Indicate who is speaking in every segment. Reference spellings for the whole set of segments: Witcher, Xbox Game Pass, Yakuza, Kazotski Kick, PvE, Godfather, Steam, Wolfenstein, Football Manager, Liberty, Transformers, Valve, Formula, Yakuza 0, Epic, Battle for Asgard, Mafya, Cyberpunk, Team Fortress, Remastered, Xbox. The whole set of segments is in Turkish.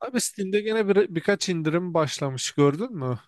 Speaker 1: Abi Steam'de gene birkaç indirim başlamış gördün mü?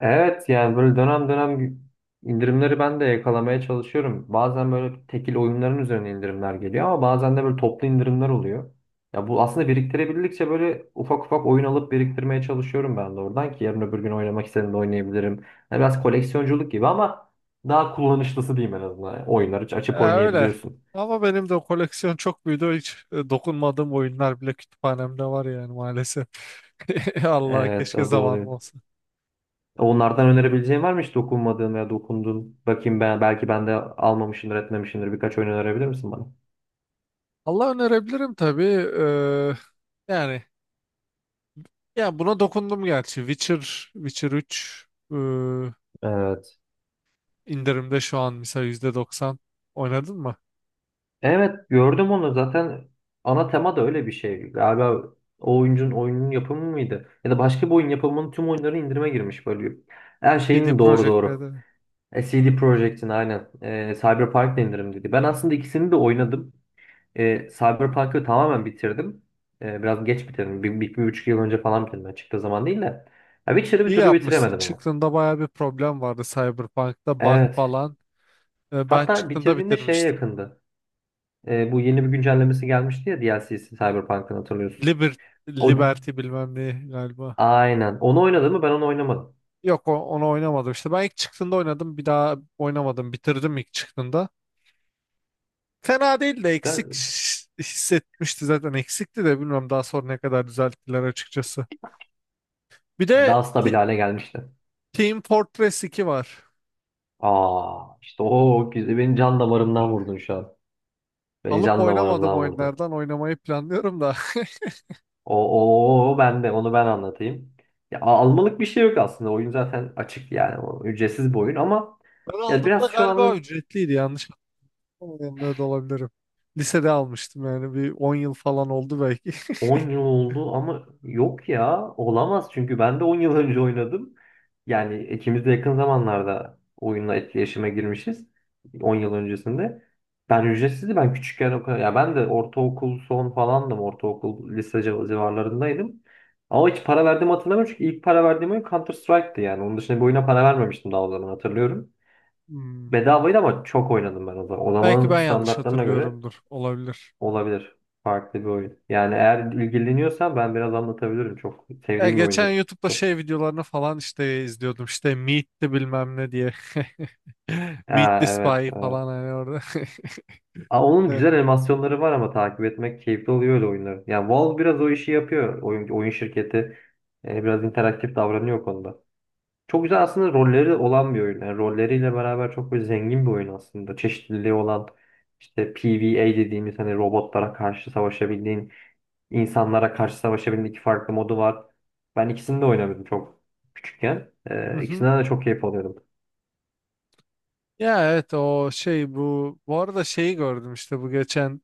Speaker 2: Evet yani böyle dönem dönem indirimleri ben de yakalamaya çalışıyorum. Bazen böyle tekil oyunların üzerine indirimler geliyor ama bazen de böyle toplu indirimler oluyor. Ya bu aslında biriktirebildikçe böyle ufak ufak oyun alıp biriktirmeye çalışıyorum ben de oradan ki yarın öbür gün oynamak istediğimde oynayabilirim. Yani biraz koleksiyonculuk gibi ama daha kullanışlısı diyeyim en azından. Yani oyunları açıp
Speaker 1: E, öyle.
Speaker 2: oynayabiliyorsun.
Speaker 1: Ama benim de koleksiyon çok büyüdü. Hiç dokunmadığım oyunlar bile kütüphanemde var yani maalesef. Allah,
Speaker 2: Evet
Speaker 1: keşke
Speaker 2: o da
Speaker 1: zamanım
Speaker 2: oluyor.
Speaker 1: olsa.
Speaker 2: Onlardan önerebileceğin var mı hiç dokunmadığın veya dokunduğun? Bakayım ben belki ben de almamışımdır etmemişimdir birkaç oyun önerebilir misin bana?
Speaker 1: Allah, önerebilirim tabii. Ee, yani ya buna dokundum gerçi. Witcher 3 e,
Speaker 2: Evet.
Speaker 1: indirimde şu an mesela %90. Oynadın mı?
Speaker 2: Evet gördüm onu zaten ana tema da öyle bir şey. Galiba o oyuncunun oyunun yapımı mıydı? Ya da başka bir oyun yapımının tüm oyunları indirime girmiş böyle. Her
Speaker 1: CD
Speaker 2: şeyin doğru
Speaker 1: Projekt
Speaker 2: doğru.
Speaker 1: Red'i.
Speaker 2: CD Projekt'in aynen. Cyberpunk da indirim dedi. Ben aslında ikisini de oynadım. Cyberpunk'ı tamamen bitirdim. Biraz geç bitirdim. 1,5 yıl önce falan bitirdim. Yani çıktığı zaman değil de. Ya Witcher'ı bir
Speaker 1: İyi
Speaker 2: türlü
Speaker 1: yapmışsın.
Speaker 2: bitiremedim ama.
Speaker 1: Çıktığında baya bir problem vardı Cyberpunk'ta bug
Speaker 2: Evet.
Speaker 1: falan. Ben
Speaker 2: Hatta
Speaker 1: çıktığında
Speaker 2: bitirdiğinde şeye
Speaker 1: bitirmiştim.
Speaker 2: yakındı. Bu yeni bir güncellemesi gelmişti ya DLC'si Cyberpunk'ın hatırlıyorsun.
Speaker 1: Liber-
Speaker 2: O.
Speaker 1: Liberty bilmem ne galiba.
Speaker 2: Aynen. Onu oynadı mı? Ben onu oynamadım.
Speaker 1: Yok, onu oynamadım işte. Ben ilk çıktığında oynadım. Bir daha oynamadım. Bitirdim ilk çıktığında. Fena değil de eksik hissetmişti zaten. Eksikti de bilmiyorum daha sonra ne kadar düzelttiler açıkçası. Bir de
Speaker 2: Daha stabil
Speaker 1: Ti-
Speaker 2: hale gelmişti.
Speaker 1: Team Fortress 2 var.
Speaker 2: Aa, işte o güzel. Beni can damarımdan vurdun şu an. Beni
Speaker 1: Alıp
Speaker 2: can
Speaker 1: oynamadım
Speaker 2: damarımdan vurdun.
Speaker 1: oyunlardan. Oynamayı planlıyorum da.
Speaker 2: Ben de onu ben anlatayım. Ya, almalık bir şey yok aslında. Oyun zaten açık yani. O, ücretsiz bir oyun ama
Speaker 1: Ben
Speaker 2: ya
Speaker 1: aldığımda
Speaker 2: biraz şu
Speaker 1: galiba
Speaker 2: anın
Speaker 1: ücretliydi, yanlış yanında da olabilirim. Lisede almıştım yani bir 10 yıl falan oldu belki.
Speaker 2: 10 yıl oldu ama yok ya olamaz çünkü ben de 10 yıl önce oynadım. Yani ikimiz de yakın zamanlarda oyunla etkileşime girmişiz. 10 yıl öncesinde. Ben ücretsizdi ben küçükken o kadar. Ya ben de ortaokul son falandım. Ortaokul lise civarlarındaydım. Ama hiç para verdiğimi hatırlamıyorum çünkü ilk para verdiğim oyun Counter Strike'tı yani. Onun dışında bir oyuna para vermemiştim daha o zaman hatırlıyorum.
Speaker 1: Hmm.
Speaker 2: Bedavaydı ama çok oynadım ben o zaman. O
Speaker 1: Belki
Speaker 2: zamanın
Speaker 1: ben yanlış
Speaker 2: standartlarına göre
Speaker 1: hatırlıyorumdur. Olabilir.
Speaker 2: olabilir. Farklı bir oyun. Yani eğer ilgileniyorsan ben biraz anlatabilirim. Çok
Speaker 1: Ya
Speaker 2: sevdiğim bir
Speaker 1: geçen
Speaker 2: oyundur.
Speaker 1: YouTube'da
Speaker 2: Çok.
Speaker 1: şey videolarını falan işte izliyordum. İşte Meet the bilmem ne diye. Meet
Speaker 2: Ha,
Speaker 1: the
Speaker 2: evet,
Speaker 1: Spy
Speaker 2: evet.
Speaker 1: falan hani orada.
Speaker 2: Aa, onun
Speaker 1: Evet.
Speaker 2: güzel animasyonları var ama takip etmek keyifli oluyor öyle oyunları. Yani Valve biraz o işi yapıyor. Oyun şirketi biraz interaktif davranıyor o konuda. Çok güzel aslında rolleri olan bir oyun. Yani rolleriyle beraber çok böyle zengin bir oyun aslında. Çeşitliliği olan işte PvE dediğimiz hani robotlara karşı savaşabildiğin İnsanlara karşı savaşabilme iki farklı modu var. Ben ikisini de oynadım çok küçükken. İkisinden
Speaker 1: Mhm.
Speaker 2: de çok keyif alıyordum.
Speaker 1: Ya evet, o şey, bu arada şeyi gördüm işte bu geçen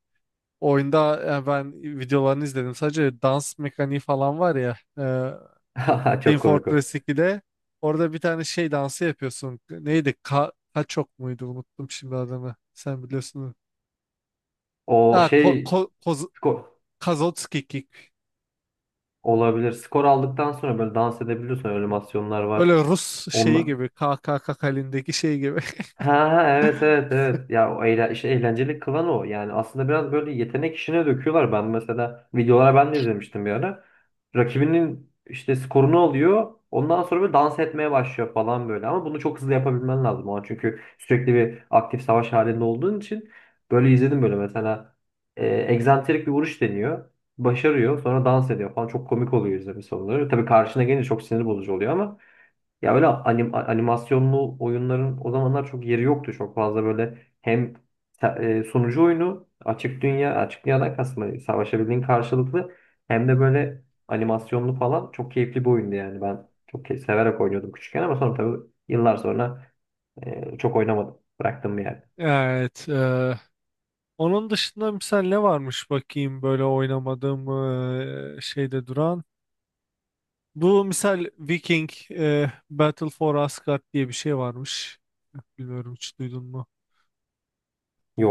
Speaker 1: oyunda. Yani ben videolarını izledim sadece, dans mekaniği falan var ya, e, Team
Speaker 2: Çok komik o.
Speaker 1: Fortress 2'de orada bir tane şey dansı yapıyorsun, neydi? Kaçok muydu, unuttum şimdi adını, sen biliyorsun. Ha,
Speaker 2: O şey
Speaker 1: ko Koz-
Speaker 2: skor
Speaker 1: Kazotski Kick.
Speaker 2: olabilir. Skor aldıktan sonra böyle dans edebiliyorsun. Öyle animasyonlar
Speaker 1: Böyle
Speaker 2: var.
Speaker 1: Rus şeyi
Speaker 2: Onla,
Speaker 1: gibi, K K K halindeki şey gibi.
Speaker 2: ha ha, evet, evet, evet. Ya o işte eğlenceli kılan o. Yani aslında biraz böyle yetenek işine döküyorlar. Ben mesela videolara ben de izlemiştim bir ara. Rakibinin işte skorunu alıyor. Ondan sonra böyle dans etmeye başlıyor falan böyle. Ama bunu çok hızlı yapabilmen lazım o an. Çünkü sürekli bir aktif savaş halinde olduğun için böyle izledim böyle mesela e, egzantrik bir vuruş deniyor. Başarıyor. Sonra dans ediyor falan. Çok komik oluyor izlemesi onları. Tabii karşına gelince çok sinir bozucu oluyor ama ya böyle animasyonlu oyunların o zamanlar çok yeri yoktu çok fazla böyle hem sunucu oyunu açık dünyadan kastım hani savaşabildiğin karşılıklı hem de böyle animasyonlu falan çok keyifli bir oyundu yani ben çok severek oynuyordum küçükken ama sonra tabii yıllar sonra çok oynamadım bıraktım bir yerde.
Speaker 1: Evet. Onun dışında misal ne varmış bakayım, böyle oynamadığım şeyde duran. Bu misal Viking, Battle for Asgard diye bir şey varmış. Bilmiyorum, hiç duydun mu?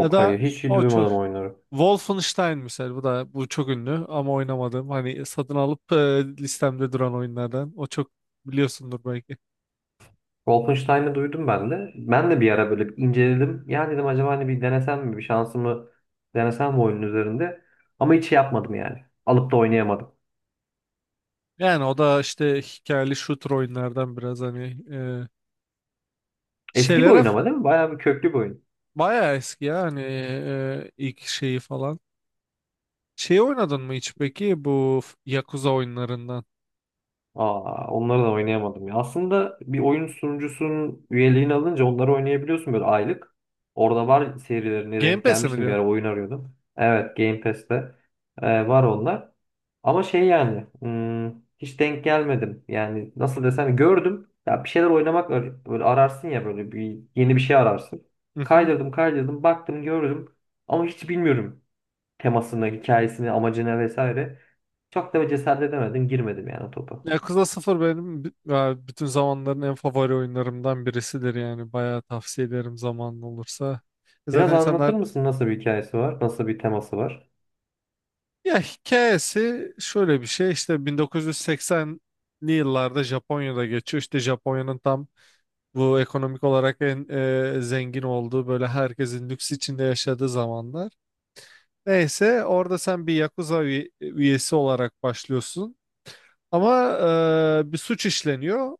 Speaker 1: Ya da
Speaker 2: hayır hiç
Speaker 1: o çok
Speaker 2: duymadım oyunları.
Speaker 1: Wolfenstein misal, bu da bu çok ünlü ama oynamadım. Hani satın alıp listemde duran oyunlardan. O çok biliyorsundur belki.
Speaker 2: Wolfenstein'ı duydum ben de. Ben de bir ara böyle bir inceledim. Ya dedim acaba hani bir denesem mi? Bir şansımı denesem mi oyunun üzerinde? Ama hiç şey yapmadım yani. Alıp da oynayamadım.
Speaker 1: Yani o da işte hikayeli shooter oyunlardan biraz hani
Speaker 2: Eski bir
Speaker 1: Şeylere
Speaker 2: oyun
Speaker 1: f-
Speaker 2: ama değil mi? Bayağı bir köklü bir oyun.
Speaker 1: bayağı eski ya hani ilk şeyi falan. Şey, oynadın mı hiç peki bu Yakuza oyunlarından?
Speaker 2: Aa, onları da oynayamadım ya. Aslında bir oyun sunucusunun üyeliğini alınca onları oynayabiliyorsun böyle aylık. Orada var serilerine
Speaker 1: Game
Speaker 2: denk
Speaker 1: Pass'e mi
Speaker 2: gelmiştim bir
Speaker 1: diyorsun?
Speaker 2: ara oyun arıyordum. Evet Game Pass'te var onlar. Ama şey yani hiç denk gelmedim. Yani nasıl desem gördüm. Ya bir şeyler oynamak böyle ararsın ya böyle bir yeni bir şey ararsın.
Speaker 1: Hı hı.
Speaker 2: Kaydırdım kaydırdım baktım gördüm. Ama hiç bilmiyorum temasını, hikayesini, amacını vesaire. Çok da cesaret edemedim girmedim yani o topa.
Speaker 1: Yakuza 0 benim ya bütün zamanların en favori oyunlarımdan birisidir yani. Bayağı tavsiye ederim zamanın olursa.
Speaker 2: Biraz
Speaker 1: Zaten
Speaker 2: anlatır
Speaker 1: insanlar,
Speaker 2: mısın nasıl bir hikayesi var? Nasıl bir teması var?
Speaker 1: ya hikayesi şöyle bir şey işte 1980'li yıllarda Japonya'da geçiyor. İşte Japonya'nın tam bu ekonomik olarak en zengin olduğu, böyle herkesin lüks içinde yaşadığı zamanlar. Neyse orada sen bir Yakuza üyesi olarak başlıyorsun. Ama bir suç işleniyor.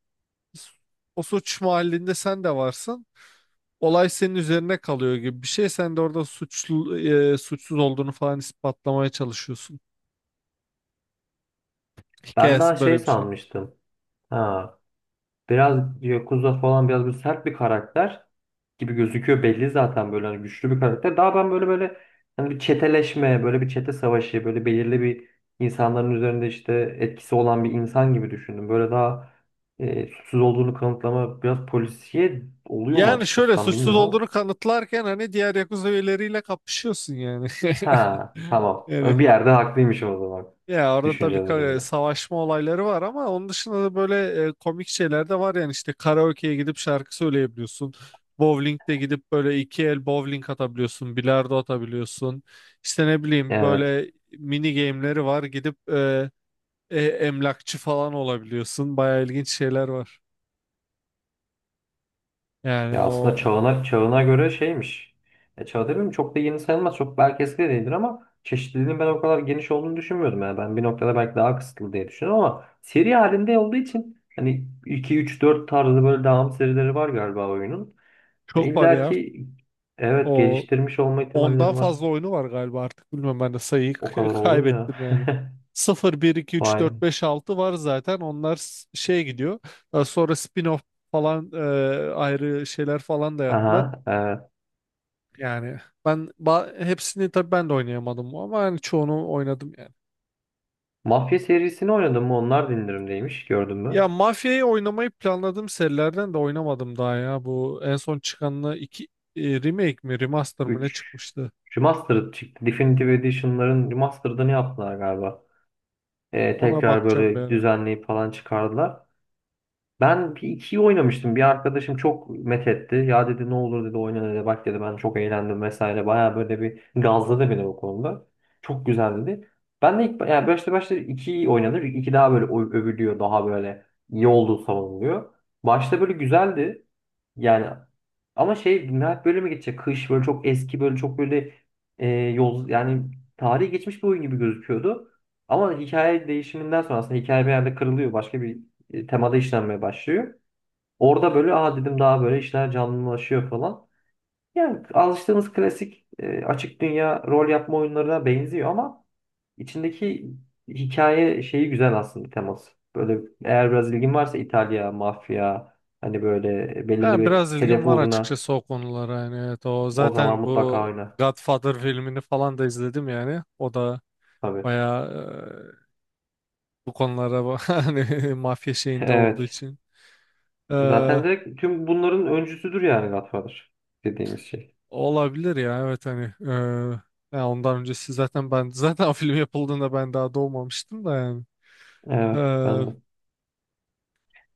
Speaker 1: O suç mahallinde sen de varsın. Olay senin üzerine kalıyor gibi bir şey. Sen de orada suçlu, suçsuz olduğunu falan ispatlamaya çalışıyorsun.
Speaker 2: Ben daha
Speaker 1: Hikayesi
Speaker 2: şey
Speaker 1: böyle bir şey.
Speaker 2: sanmıştım. Ha, biraz Yakuza falan biraz bir sert bir karakter gibi gözüküyor. Belli zaten böyle hani güçlü bir karakter. Daha ben böyle hani bir çeteleşme, böyle bir çete savaşı, böyle belirli bir insanların üzerinde işte etkisi olan bir insan gibi düşündüm. Böyle daha suçsuz olduğunu kanıtlama biraz polisiye oluyor mu
Speaker 1: Yani
Speaker 2: açıkçası
Speaker 1: şöyle
Speaker 2: tam
Speaker 1: suçsuz
Speaker 2: bilmiyorum ama.
Speaker 1: olduğunu kanıtlarken hani diğer Yakuza üyeleriyle kapışıyorsun yani.
Speaker 2: Ha, tamam.
Speaker 1: Yani,
Speaker 2: Bir yerde haklıymışım o zaman
Speaker 1: ya orada tabii
Speaker 2: düşüncelerimde.
Speaker 1: savaşma olayları var ama onun dışında da böyle komik şeyler de var yani, işte karaoke'ye gidip şarkı söyleyebiliyorsun. Bowling'de gidip böyle iki el bowling atabiliyorsun, bilardo atabiliyorsun. İşte ne bileyim böyle mini game'leri var, gidip emlakçı falan olabiliyorsun. Bayağı ilginç şeyler var. Yani
Speaker 2: Ya aslında
Speaker 1: o
Speaker 2: çağına göre şeymiş. Çağ demeyeyim çok da yeni sayılmaz. Çok belki eski de değildir ama çeşitliliğin ben o kadar geniş olduğunu düşünmüyordum. Yani ben bir noktada belki daha kısıtlı diye düşünüyorum ama seri halinde olduğu için hani iki üç dört tarzı böyle devam serileri var galiba oyunun.
Speaker 1: çok var
Speaker 2: İlla
Speaker 1: ya,
Speaker 2: ki evet
Speaker 1: o
Speaker 2: geliştirmiş olma
Speaker 1: Ondan
Speaker 2: ihtimalleri var.
Speaker 1: fazla oyunu var galiba artık. Bilmem, ben de sayıyı
Speaker 2: O kadar oğlum ya.
Speaker 1: kaybettim yani. sıfır bir iki üç
Speaker 2: Vay.
Speaker 1: dört beş altı var zaten. Onlar şey gidiyor. Daha sonra spin-off falan ayrı şeyler falan da yaptılar.
Speaker 2: Aha, evet.
Speaker 1: Yani ben hepsini tabii ben de oynayamadım ama yani çoğunu oynadım yani.
Speaker 2: Mafya serisini oynadım mı? Onlar da indirimdeymiş. Gördün
Speaker 1: Ya
Speaker 2: mü?
Speaker 1: Mafya'yı oynamayı planladığım serilerden de oynamadım daha ya. Bu en son çıkanla iki remake mi remaster mı ne
Speaker 2: 3
Speaker 1: çıkmıştı?
Speaker 2: Remastered çıktı. Definitive Edition'ların Remastered'ını yaptılar galiba.
Speaker 1: Ona
Speaker 2: Tekrar
Speaker 1: bakacağım bir
Speaker 2: böyle
Speaker 1: ara.
Speaker 2: düzenleyip falan çıkardılar. Ben bir ikiyi oynamıştım. Bir arkadaşım çok methetti. Ya dedi ne olur dedi oyna dedi. Bak dedi ben çok eğlendim vesaire. Baya böyle bir gazladı beni o konuda. Çok güzel dedi. Ben de ilk yani başta başta ikiyi oynadım. İki daha böyle övülüyor. Daha böyle iyi olduğu savunuluyor. Başta böyle güzeldi. Yani ama şey nihayet böyle mi geçecek? Kış böyle çok eski böyle çok böyle yol yani tarihi geçmiş bir oyun gibi gözüküyordu. Ama hikaye değişiminden sonra aslında hikaye bir yerde kırılıyor. Başka bir temada işlenmeye başlıyor. Orada böyle aa dedim daha böyle işler canlılaşıyor falan. Yani alıştığımız klasik açık dünya rol yapma oyunlarına benziyor ama içindeki hikaye şeyi güzel aslında teması. Böyle eğer biraz ilgin varsa İtalya, mafya hani böyle belirli
Speaker 1: Yani biraz
Speaker 2: bir
Speaker 1: ilgim
Speaker 2: hedef
Speaker 1: var
Speaker 2: uğruna
Speaker 1: açıkçası o konulara, yani evet, o
Speaker 2: o zaman
Speaker 1: zaten
Speaker 2: mutlaka
Speaker 1: bu
Speaker 2: oyna.
Speaker 1: Godfather filmini falan da izledim yani o da
Speaker 2: Tabii.
Speaker 1: bayağı bu konulara hani mafya şeyinde olduğu
Speaker 2: Evet.
Speaker 1: için. E,
Speaker 2: Zaten direkt tüm bunların öncüsüdür yani Godfather dediğimiz şey.
Speaker 1: Olabilir ya, evet hani ya ondan öncesi zaten ben zaten o film yapıldığında ben daha doğmamıştım da yani.
Speaker 2: Evet ben de.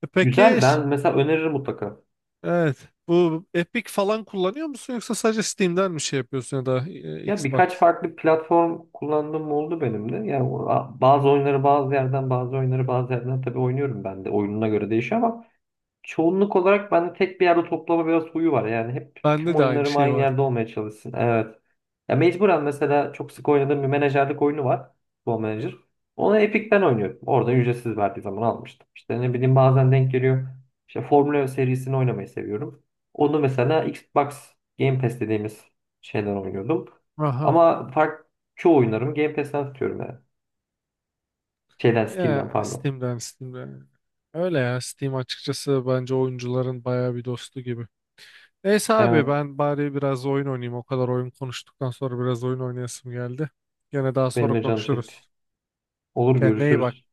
Speaker 1: Peki
Speaker 2: Güzel ben mesela öneririm mutlaka.
Speaker 1: evet, bu Epic falan kullanıyor musun, yoksa sadece Steam'den mi şey yapıyorsun, ya da
Speaker 2: Ya
Speaker 1: Xbox?
Speaker 2: birkaç farklı platform kullandığım oldu benim de. Ya bazı oyunları bazı yerden, bazı oyunları bazı yerden tabii oynuyorum ben de. Oyununa göre değişiyor ama çoğunluk olarak bende tek bir yerde toplama biraz huyu var. Yani hep tüm
Speaker 1: Bende de aynı
Speaker 2: oyunlarım
Speaker 1: şey
Speaker 2: aynı
Speaker 1: var.
Speaker 2: yerde olmaya çalışsın. Evet. Ya mecburen mesela çok sık oynadığım bir menajerlik oyunu var. Football Manager. Onu Epic'ten oynuyorum. Orada ücretsiz verdiği zaman almıştım. İşte ne bileyim bazen denk geliyor. İşte Formula serisini oynamayı seviyorum. Onu mesela Xbox Game Pass dediğimiz şeyden oynuyordum.
Speaker 1: Aha.
Speaker 2: Ama fark çoğu oyunlarımı Game Pass'ten tutuyorum yani. Şeyden Steam'den
Speaker 1: Ya
Speaker 2: pardon.
Speaker 1: Steam'den. Öyle ya, Steam açıkçası bence oyuncuların bayağı bir dostu gibi. Neyse abi
Speaker 2: Evet
Speaker 1: ben bari biraz oyun oynayayım. O kadar oyun konuştuktan sonra biraz oyun oynayasım geldi. Gene daha
Speaker 2: benim
Speaker 1: sonra
Speaker 2: de canım çekti.
Speaker 1: konuşuruz.
Speaker 2: Olur
Speaker 1: Kendine iyi bak.
Speaker 2: görüşürüz.